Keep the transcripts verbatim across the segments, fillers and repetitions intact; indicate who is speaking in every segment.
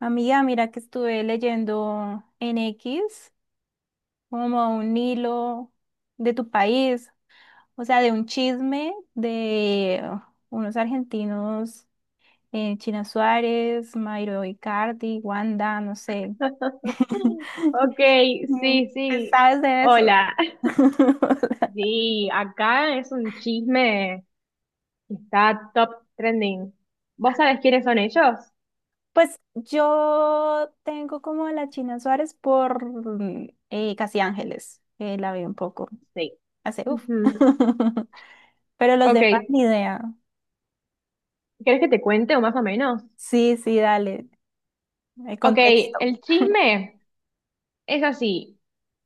Speaker 1: Amiga, mira que estuve leyendo en X como un hilo de tu país, o sea, de un chisme de unos argentinos, eh, China Suárez, Mauro Icardi, Wanda, no sé.
Speaker 2: Ok,
Speaker 1: Mm,
Speaker 2: sí,
Speaker 1: ¿Qué
Speaker 2: sí.
Speaker 1: sabes de eso?
Speaker 2: Hola. Sí, acá es un chisme que está top trending. ¿Vos sabés quiénes son ellos?
Speaker 1: Pues yo tengo como a la China Suárez por mm, eh, Casi Ángeles, que la vi un poco
Speaker 2: Sí.
Speaker 1: hace uff.
Speaker 2: Ujú.
Speaker 1: Pero los
Speaker 2: Ok,
Speaker 1: demás ni idea.
Speaker 2: ¿querés que te cuente o más o menos?
Speaker 1: Sí, sí, dale, el
Speaker 2: Ok,
Speaker 1: contexto.
Speaker 2: el chisme es así,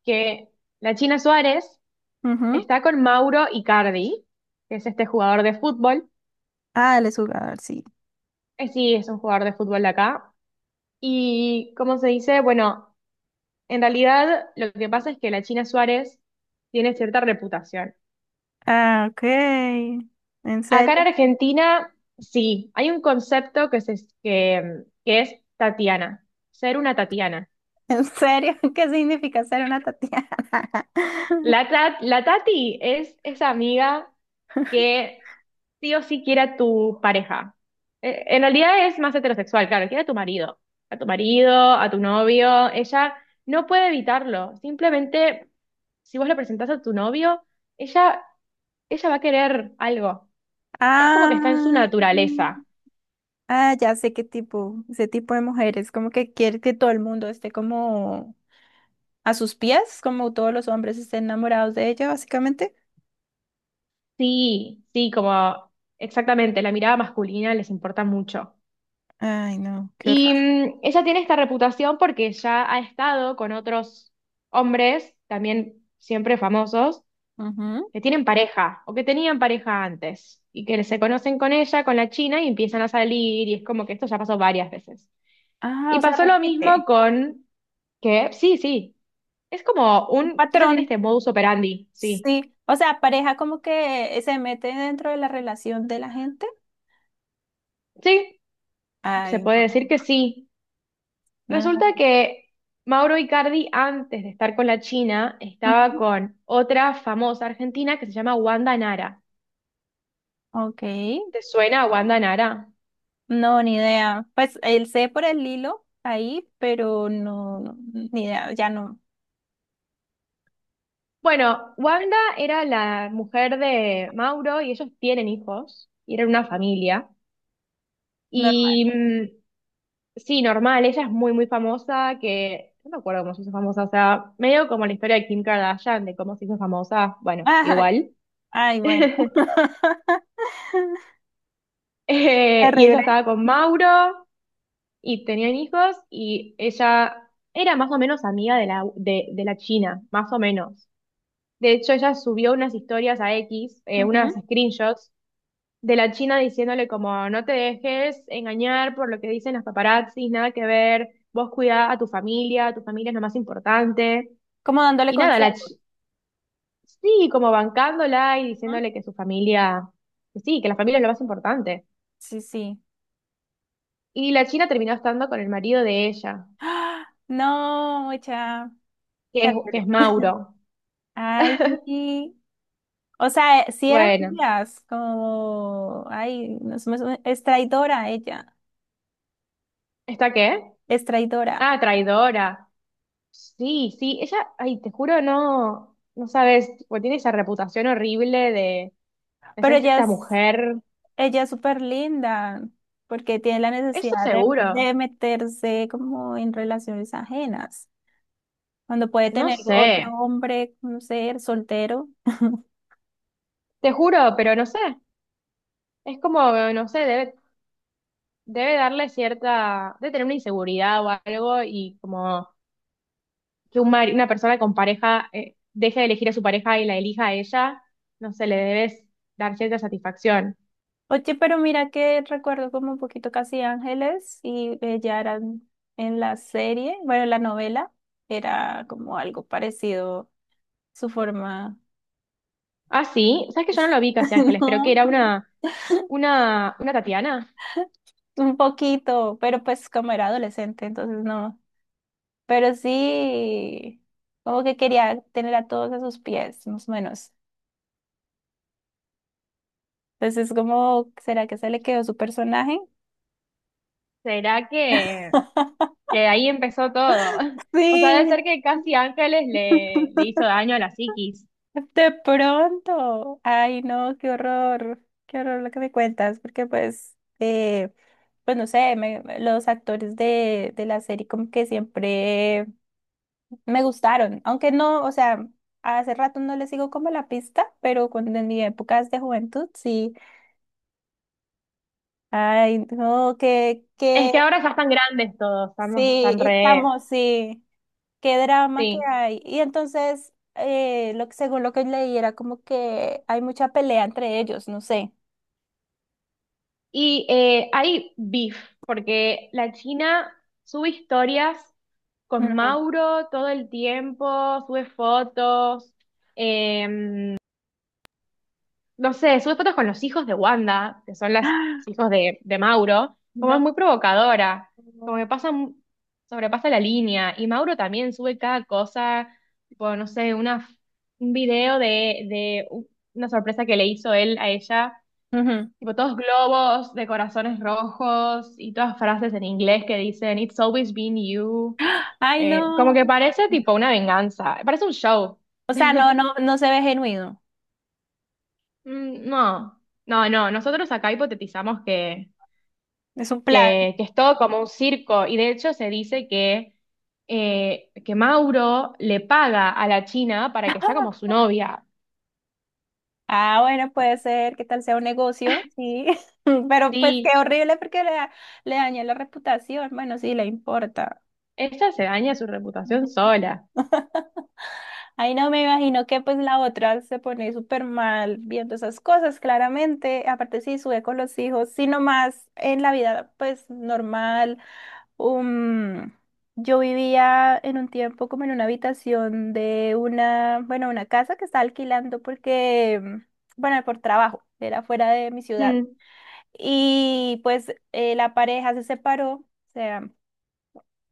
Speaker 2: que la China Suárez
Speaker 1: Ujú.
Speaker 2: está con Mauro Icardi, que es este jugador de fútbol.
Speaker 1: Ah, él es jugador, sí.
Speaker 2: Eh, sí, es un jugador de fútbol de acá. Y, ¿cómo se dice? Bueno. En realidad, lo que pasa es que la China Suárez tiene cierta reputación.
Speaker 1: Ah, ok. ¿En
Speaker 2: Acá
Speaker 1: serio?
Speaker 2: en Argentina, sí, hay un concepto que, se- que, que es Tatiana, ser una Tatiana.
Speaker 1: ¿En serio? ¿Qué significa ser una Tatiana?
Speaker 2: La, Ta- la Tati es esa amiga que sí o sí quiere a tu pareja. Eh, En realidad es más heterosexual, claro, quiere a tu marido, a tu marido, a tu novio. Ella no puede evitarlo, simplemente si vos le presentás a tu novio, ella ella va a querer algo. Es como que está en su
Speaker 1: Ah,
Speaker 2: naturaleza.
Speaker 1: ah, ya sé qué tipo, ese tipo de mujeres, como que quiere que todo el mundo esté como a sus pies, como todos los hombres estén enamorados de ella, básicamente.
Speaker 2: Sí, sí, como exactamente, la mirada masculina les importa mucho.
Speaker 1: Ay, no, qué
Speaker 2: Y
Speaker 1: horror.
Speaker 2: mm, ella tiene esta reputación porque ya ha estado con otros hombres, también siempre famosos,
Speaker 1: Ujú.
Speaker 2: que tienen pareja o que tenían pareja antes y que se conocen con ella, con la China y empiezan a salir y es como que esto ya pasó varias veces.
Speaker 1: Ah,
Speaker 2: Y
Speaker 1: o sea,
Speaker 2: pasó lo mismo
Speaker 1: repite.
Speaker 2: con que, sí, sí, es como
Speaker 1: Un
Speaker 2: un, ella
Speaker 1: patrón.
Speaker 2: tiene este modus operandi, sí.
Speaker 1: Sí. O sea, pareja como que se mete dentro de la relación de la gente.
Speaker 2: Sí, Se
Speaker 1: Ay,
Speaker 2: puede
Speaker 1: no.
Speaker 2: decir que sí. Resulta que Mauro Icardi, antes de estar con la China,
Speaker 1: No.
Speaker 2: estaba con otra famosa argentina que se llama Wanda Nara.
Speaker 1: Ok,
Speaker 2: ¿Te suena a Wanda Nara?
Speaker 1: no, ni idea. Pues él sé por el hilo ahí, pero no, no, ni idea, ya no,
Speaker 2: Bueno, Wanda era la mujer de Mauro y ellos tienen hijos y eran una familia. Y
Speaker 1: normal.
Speaker 2: mm, sí, normal, ella es muy, muy famosa, que no me acuerdo cómo se hizo famosa, o sea, medio como la historia de Kim Kardashian, de cómo se hizo famosa, bueno,
Speaker 1: Ajá,
Speaker 2: igual.
Speaker 1: ay, bueno.
Speaker 2: Eh, y ella
Speaker 1: Terrible.
Speaker 2: estaba con Mauro. Y tenían hijos y ella era más o menos amiga de la, de, de la China, más o menos. De hecho, ella subió unas historias a X, eh, unas
Speaker 1: Ujú.
Speaker 2: screenshots de la China diciéndole como no te dejes engañar por lo que dicen los paparazzis, nada que ver, vos cuidá a tu familia, tu familia es lo más importante.
Speaker 1: Como dándole
Speaker 2: Y nada, la
Speaker 1: consejos.
Speaker 2: chi- sí, como bancándola y
Speaker 1: Ujú.
Speaker 2: diciéndole que su familia, que sí, que la familia es lo más importante.
Speaker 1: Sí, sí.
Speaker 2: Y la China terminó estando con el marido de ella,
Speaker 1: ¡Ah! No, mucha.
Speaker 2: que es, que
Speaker 1: Terrible.
Speaker 2: es Mauro.
Speaker 1: Ay, o sea, si eran
Speaker 2: Bueno.
Speaker 1: amigas, como, ay, no somos- es traidora ella,
Speaker 2: ¿Está qué?
Speaker 1: es traidora.
Speaker 2: Ah, traidora. Sí, sí, ella, ay, te juro, no, no sabes, tipo, tiene esa reputación horrible de, es
Speaker 1: Pero ella
Speaker 2: esta
Speaker 1: es,
Speaker 2: mujer.
Speaker 1: ella es súper linda porque tiene la
Speaker 2: Eso
Speaker 1: necesidad de,
Speaker 2: seguro,
Speaker 1: de meterse como en relaciones ajenas, cuando puede
Speaker 2: no
Speaker 1: tener otro
Speaker 2: sé,
Speaker 1: hombre, no sé, soltero.
Speaker 2: te juro, pero no sé, es como, no sé, debe, debe darle cierta, debe tener una inseguridad o algo y como que un mari- una persona con pareja eh, deje de elegir a su pareja y la elija a ella, no sé, le debes dar cierta satisfacción.
Speaker 1: Oye, pero mira que recuerdo como un poquito Casi Ángeles y ella era en en la serie, bueno, en la novela era como algo parecido su forma.
Speaker 2: Ah, sí, sabes que yo no lo vi Casi Ángeles, pero que
Speaker 1: No,
Speaker 2: era una Una, una Tatiana.
Speaker 1: un poquito, pero pues como era adolescente, entonces no. Pero sí, como que quería tener a todos a sus pies, más o menos. Entonces es como, ¿será que se le quedó su personaje?
Speaker 2: ¿Será que, que ahí empezó todo? O sea, debe
Speaker 1: Sí,
Speaker 2: ser que Casi Ángeles le, le hizo daño a la psiquis.
Speaker 1: de pronto. Ay, no, qué horror, qué horror lo que me cuentas, porque pues, eh, pues no sé, me- me- los actores de, de la serie como que siempre me gustaron, aunque no, o sea, hace rato no les sigo como la pista, pero cuando en mi época de juventud, sí. Ay, no, que
Speaker 2: Es que ahora ya están grandes todos, estamos
Speaker 1: sí,
Speaker 2: tan re.
Speaker 1: estamos, sí, qué drama que
Speaker 2: Sí.
Speaker 1: hay. Y entonces, eh, lo que, según lo que leí, era como que hay mucha pelea entre ellos, no sé.
Speaker 2: Y eh, hay beef, porque la China sube historias con
Speaker 1: Ujú.
Speaker 2: Mauro todo el tiempo, sube fotos. eh, no sé, sube fotos con los hijos de Wanda, que son las,
Speaker 1: ¡Ah!
Speaker 2: los hijos de, de Mauro, como es
Speaker 1: No.
Speaker 2: muy provocadora, como que pasa, mu- sobrepasa la línea, y Mauro también sube cada cosa, tipo, no sé, una, un video de, de u- una sorpresa que le hizo él a ella,
Speaker 1: Ujú.
Speaker 2: tipo, todos globos de corazones rojos y todas frases en inglés que dicen, "It's always been you".
Speaker 1: ¡Ah! Ay,
Speaker 2: Eh, como que
Speaker 1: no.
Speaker 2: parece tipo una venganza, parece un show.
Speaker 1: O sea, no, no, no se ve genuino.
Speaker 2: Mm. No, no, no. Nosotros acá hipotetizamos que,
Speaker 1: Es un plan.
Speaker 2: que, que es todo como un circo y de hecho se dice que, eh, que Mauro le paga a la China para que sea como su novia.
Speaker 1: Ah, bueno, puede ser, que tal sea un negocio, sí. Pero pues
Speaker 2: Sí,
Speaker 1: qué horrible porque le, da- le daña la reputación. Bueno, sí, le importa.
Speaker 2: ella se daña su reputación sola.
Speaker 1: Ahí no me imagino que pues la otra se pone súper mal viendo esas cosas, claramente. Aparte sí, sube con los hijos, sino más en la vida pues normal. Um, yo vivía en un tiempo como en una habitación de una, bueno, una casa que estaba alquilando porque, mm, bueno, por trabajo, era fuera de mi ciudad.
Speaker 2: Mm.
Speaker 1: Y pues eh, la pareja se separó, o sea,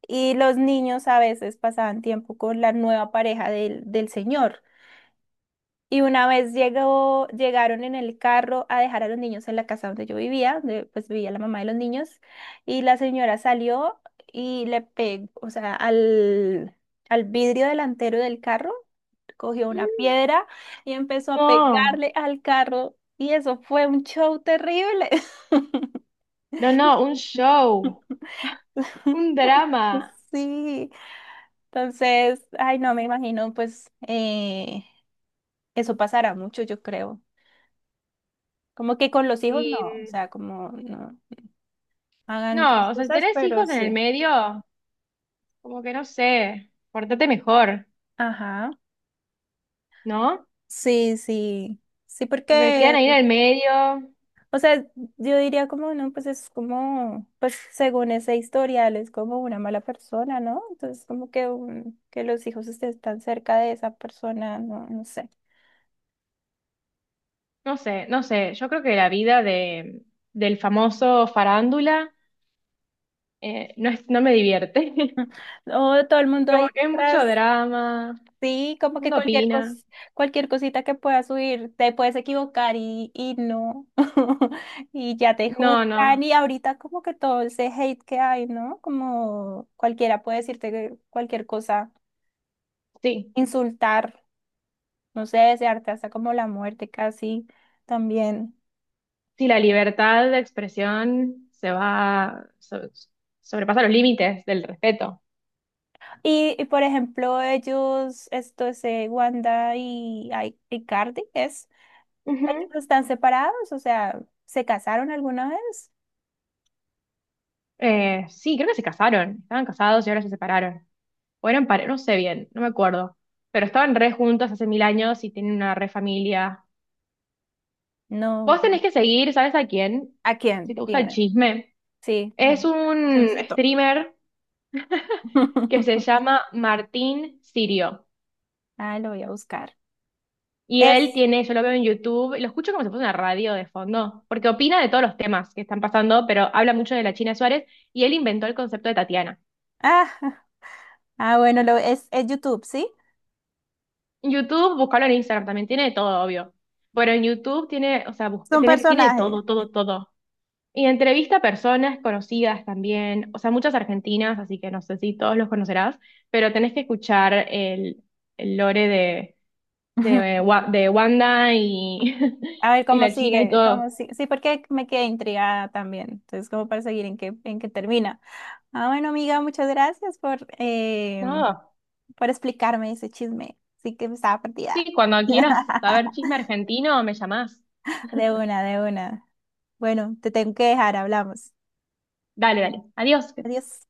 Speaker 1: y los niños a veces pasaban tiempo con la nueva pareja del, del señor. Y una vez llegó, llegaron en el carro a dejar a los niños en la casa donde yo vivía, donde pues vivía la mamá de los niños, y la señora salió y le pegó, o sea, al, al vidrio delantero del carro, cogió una piedra y empezó a
Speaker 2: No,
Speaker 1: pegarle al carro, y eso fue un show terrible.
Speaker 2: no, no, un show, un drama.
Speaker 1: Sí, entonces, ay, no me imagino, pues eh, eso pasará mucho, yo creo. Como que con los
Speaker 2: Y
Speaker 1: hijos no, o
Speaker 2: mm,
Speaker 1: sea, como no hagan
Speaker 2: no,
Speaker 1: otras
Speaker 2: o sea, si
Speaker 1: cosas,
Speaker 2: tenés hijos
Speaker 1: pero
Speaker 2: en el
Speaker 1: sí.
Speaker 2: medio, como que no sé, portate mejor,
Speaker 1: Ajá,
Speaker 2: ¿no?
Speaker 1: sí, sí, sí,
Speaker 2: Como que quedan
Speaker 1: porque,
Speaker 2: ahí en el medio.
Speaker 1: o sea, yo diría como, no, pues es como, pues según ese historial, es como una mala persona, ¿no? Entonces, como que, un- que los hijos estén tan cerca de esa persona, no, no sé.
Speaker 2: No sé, no sé, yo creo que la vida de, del famoso farándula eh, no es, no me divierte.
Speaker 1: O todo el mundo
Speaker 2: Como
Speaker 1: ahí
Speaker 2: que hay mucho
Speaker 1: detrás.
Speaker 2: drama,
Speaker 1: Sí, como que
Speaker 2: uno
Speaker 1: cualquier
Speaker 2: opina.
Speaker 1: cos- cualquier cosita que puedas subir, te puedes equivocar y, y no, y ya te
Speaker 2: No, no,
Speaker 1: juzgan, y ahorita como que todo ese hate que hay, ¿no? Como cualquiera puede decirte que- cualquier cosa,
Speaker 2: sí,
Speaker 1: insultar, no sé, desearte hasta como la muerte casi también.
Speaker 2: sí, la libertad de expresión se va, so- sobrepasa los límites del respeto.
Speaker 1: Y, y, por ejemplo, ellos, esto es eh, Wanda y, ay, y Cardi, ¿es?
Speaker 2: Ujú.
Speaker 1: ¿Ellos están separados? O sea, ¿se casaron alguna vez?
Speaker 2: Eh, sí, creo que se casaron, estaban casados y ahora se separaron. O eran pare, no sé bien, no me acuerdo. Pero estaban re juntos hace mil años y tienen una re familia.
Speaker 1: No.
Speaker 2: Vos tenés que seguir, ¿sabes a quién?
Speaker 1: ¿A
Speaker 2: Si
Speaker 1: quién?
Speaker 2: te gusta el
Speaker 1: Dime.
Speaker 2: chisme.
Speaker 1: Sí,
Speaker 2: Es
Speaker 1: bueno,
Speaker 2: un
Speaker 1: chismecito.
Speaker 2: streamer que se llama Martín Sirio.
Speaker 1: Ah, lo voy a buscar.
Speaker 2: Y él
Speaker 1: Es,
Speaker 2: tiene, yo lo veo en YouTube, lo escucho como si fuese una radio de fondo, porque opina de todos los temas que están pasando, pero habla mucho de la China Suárez y él inventó el concepto de Tatiana.
Speaker 1: ah. Ah, bueno, lo, es, es YouTube, ¿sí?
Speaker 2: En YouTube, buscalo en Instagram, también tiene de todo, obvio. Pero en YouTube tiene, o sea,
Speaker 1: Es
Speaker 2: busca-
Speaker 1: un
Speaker 2: tiene, tiene de
Speaker 1: personaje.
Speaker 2: todo, todo, todo. Y entrevista a personas conocidas también, o sea, muchas argentinas, así que no sé si todos los conocerás, pero tenés que escuchar el, el lore de,
Speaker 1: Ujú.
Speaker 2: de, Wa- de Wanda y,
Speaker 1: A ver
Speaker 2: y
Speaker 1: cómo
Speaker 2: la China y
Speaker 1: sigue,
Speaker 2: todo.
Speaker 1: cómo sigue. Sí, porque me quedé intrigada también. Entonces, como para seguir en qué, en qué termina. Ah, bueno, amiga, muchas gracias por, em,
Speaker 2: No,
Speaker 1: por explicarme ese chisme. Sí que estaba perdida.
Speaker 2: sí, cuando quieras saber chisme argentino, me llamás.
Speaker 1: De una, de una. Bueno, te tengo que dejar, hablamos.
Speaker 2: Dale, dale. Adiós.
Speaker 1: Adiós.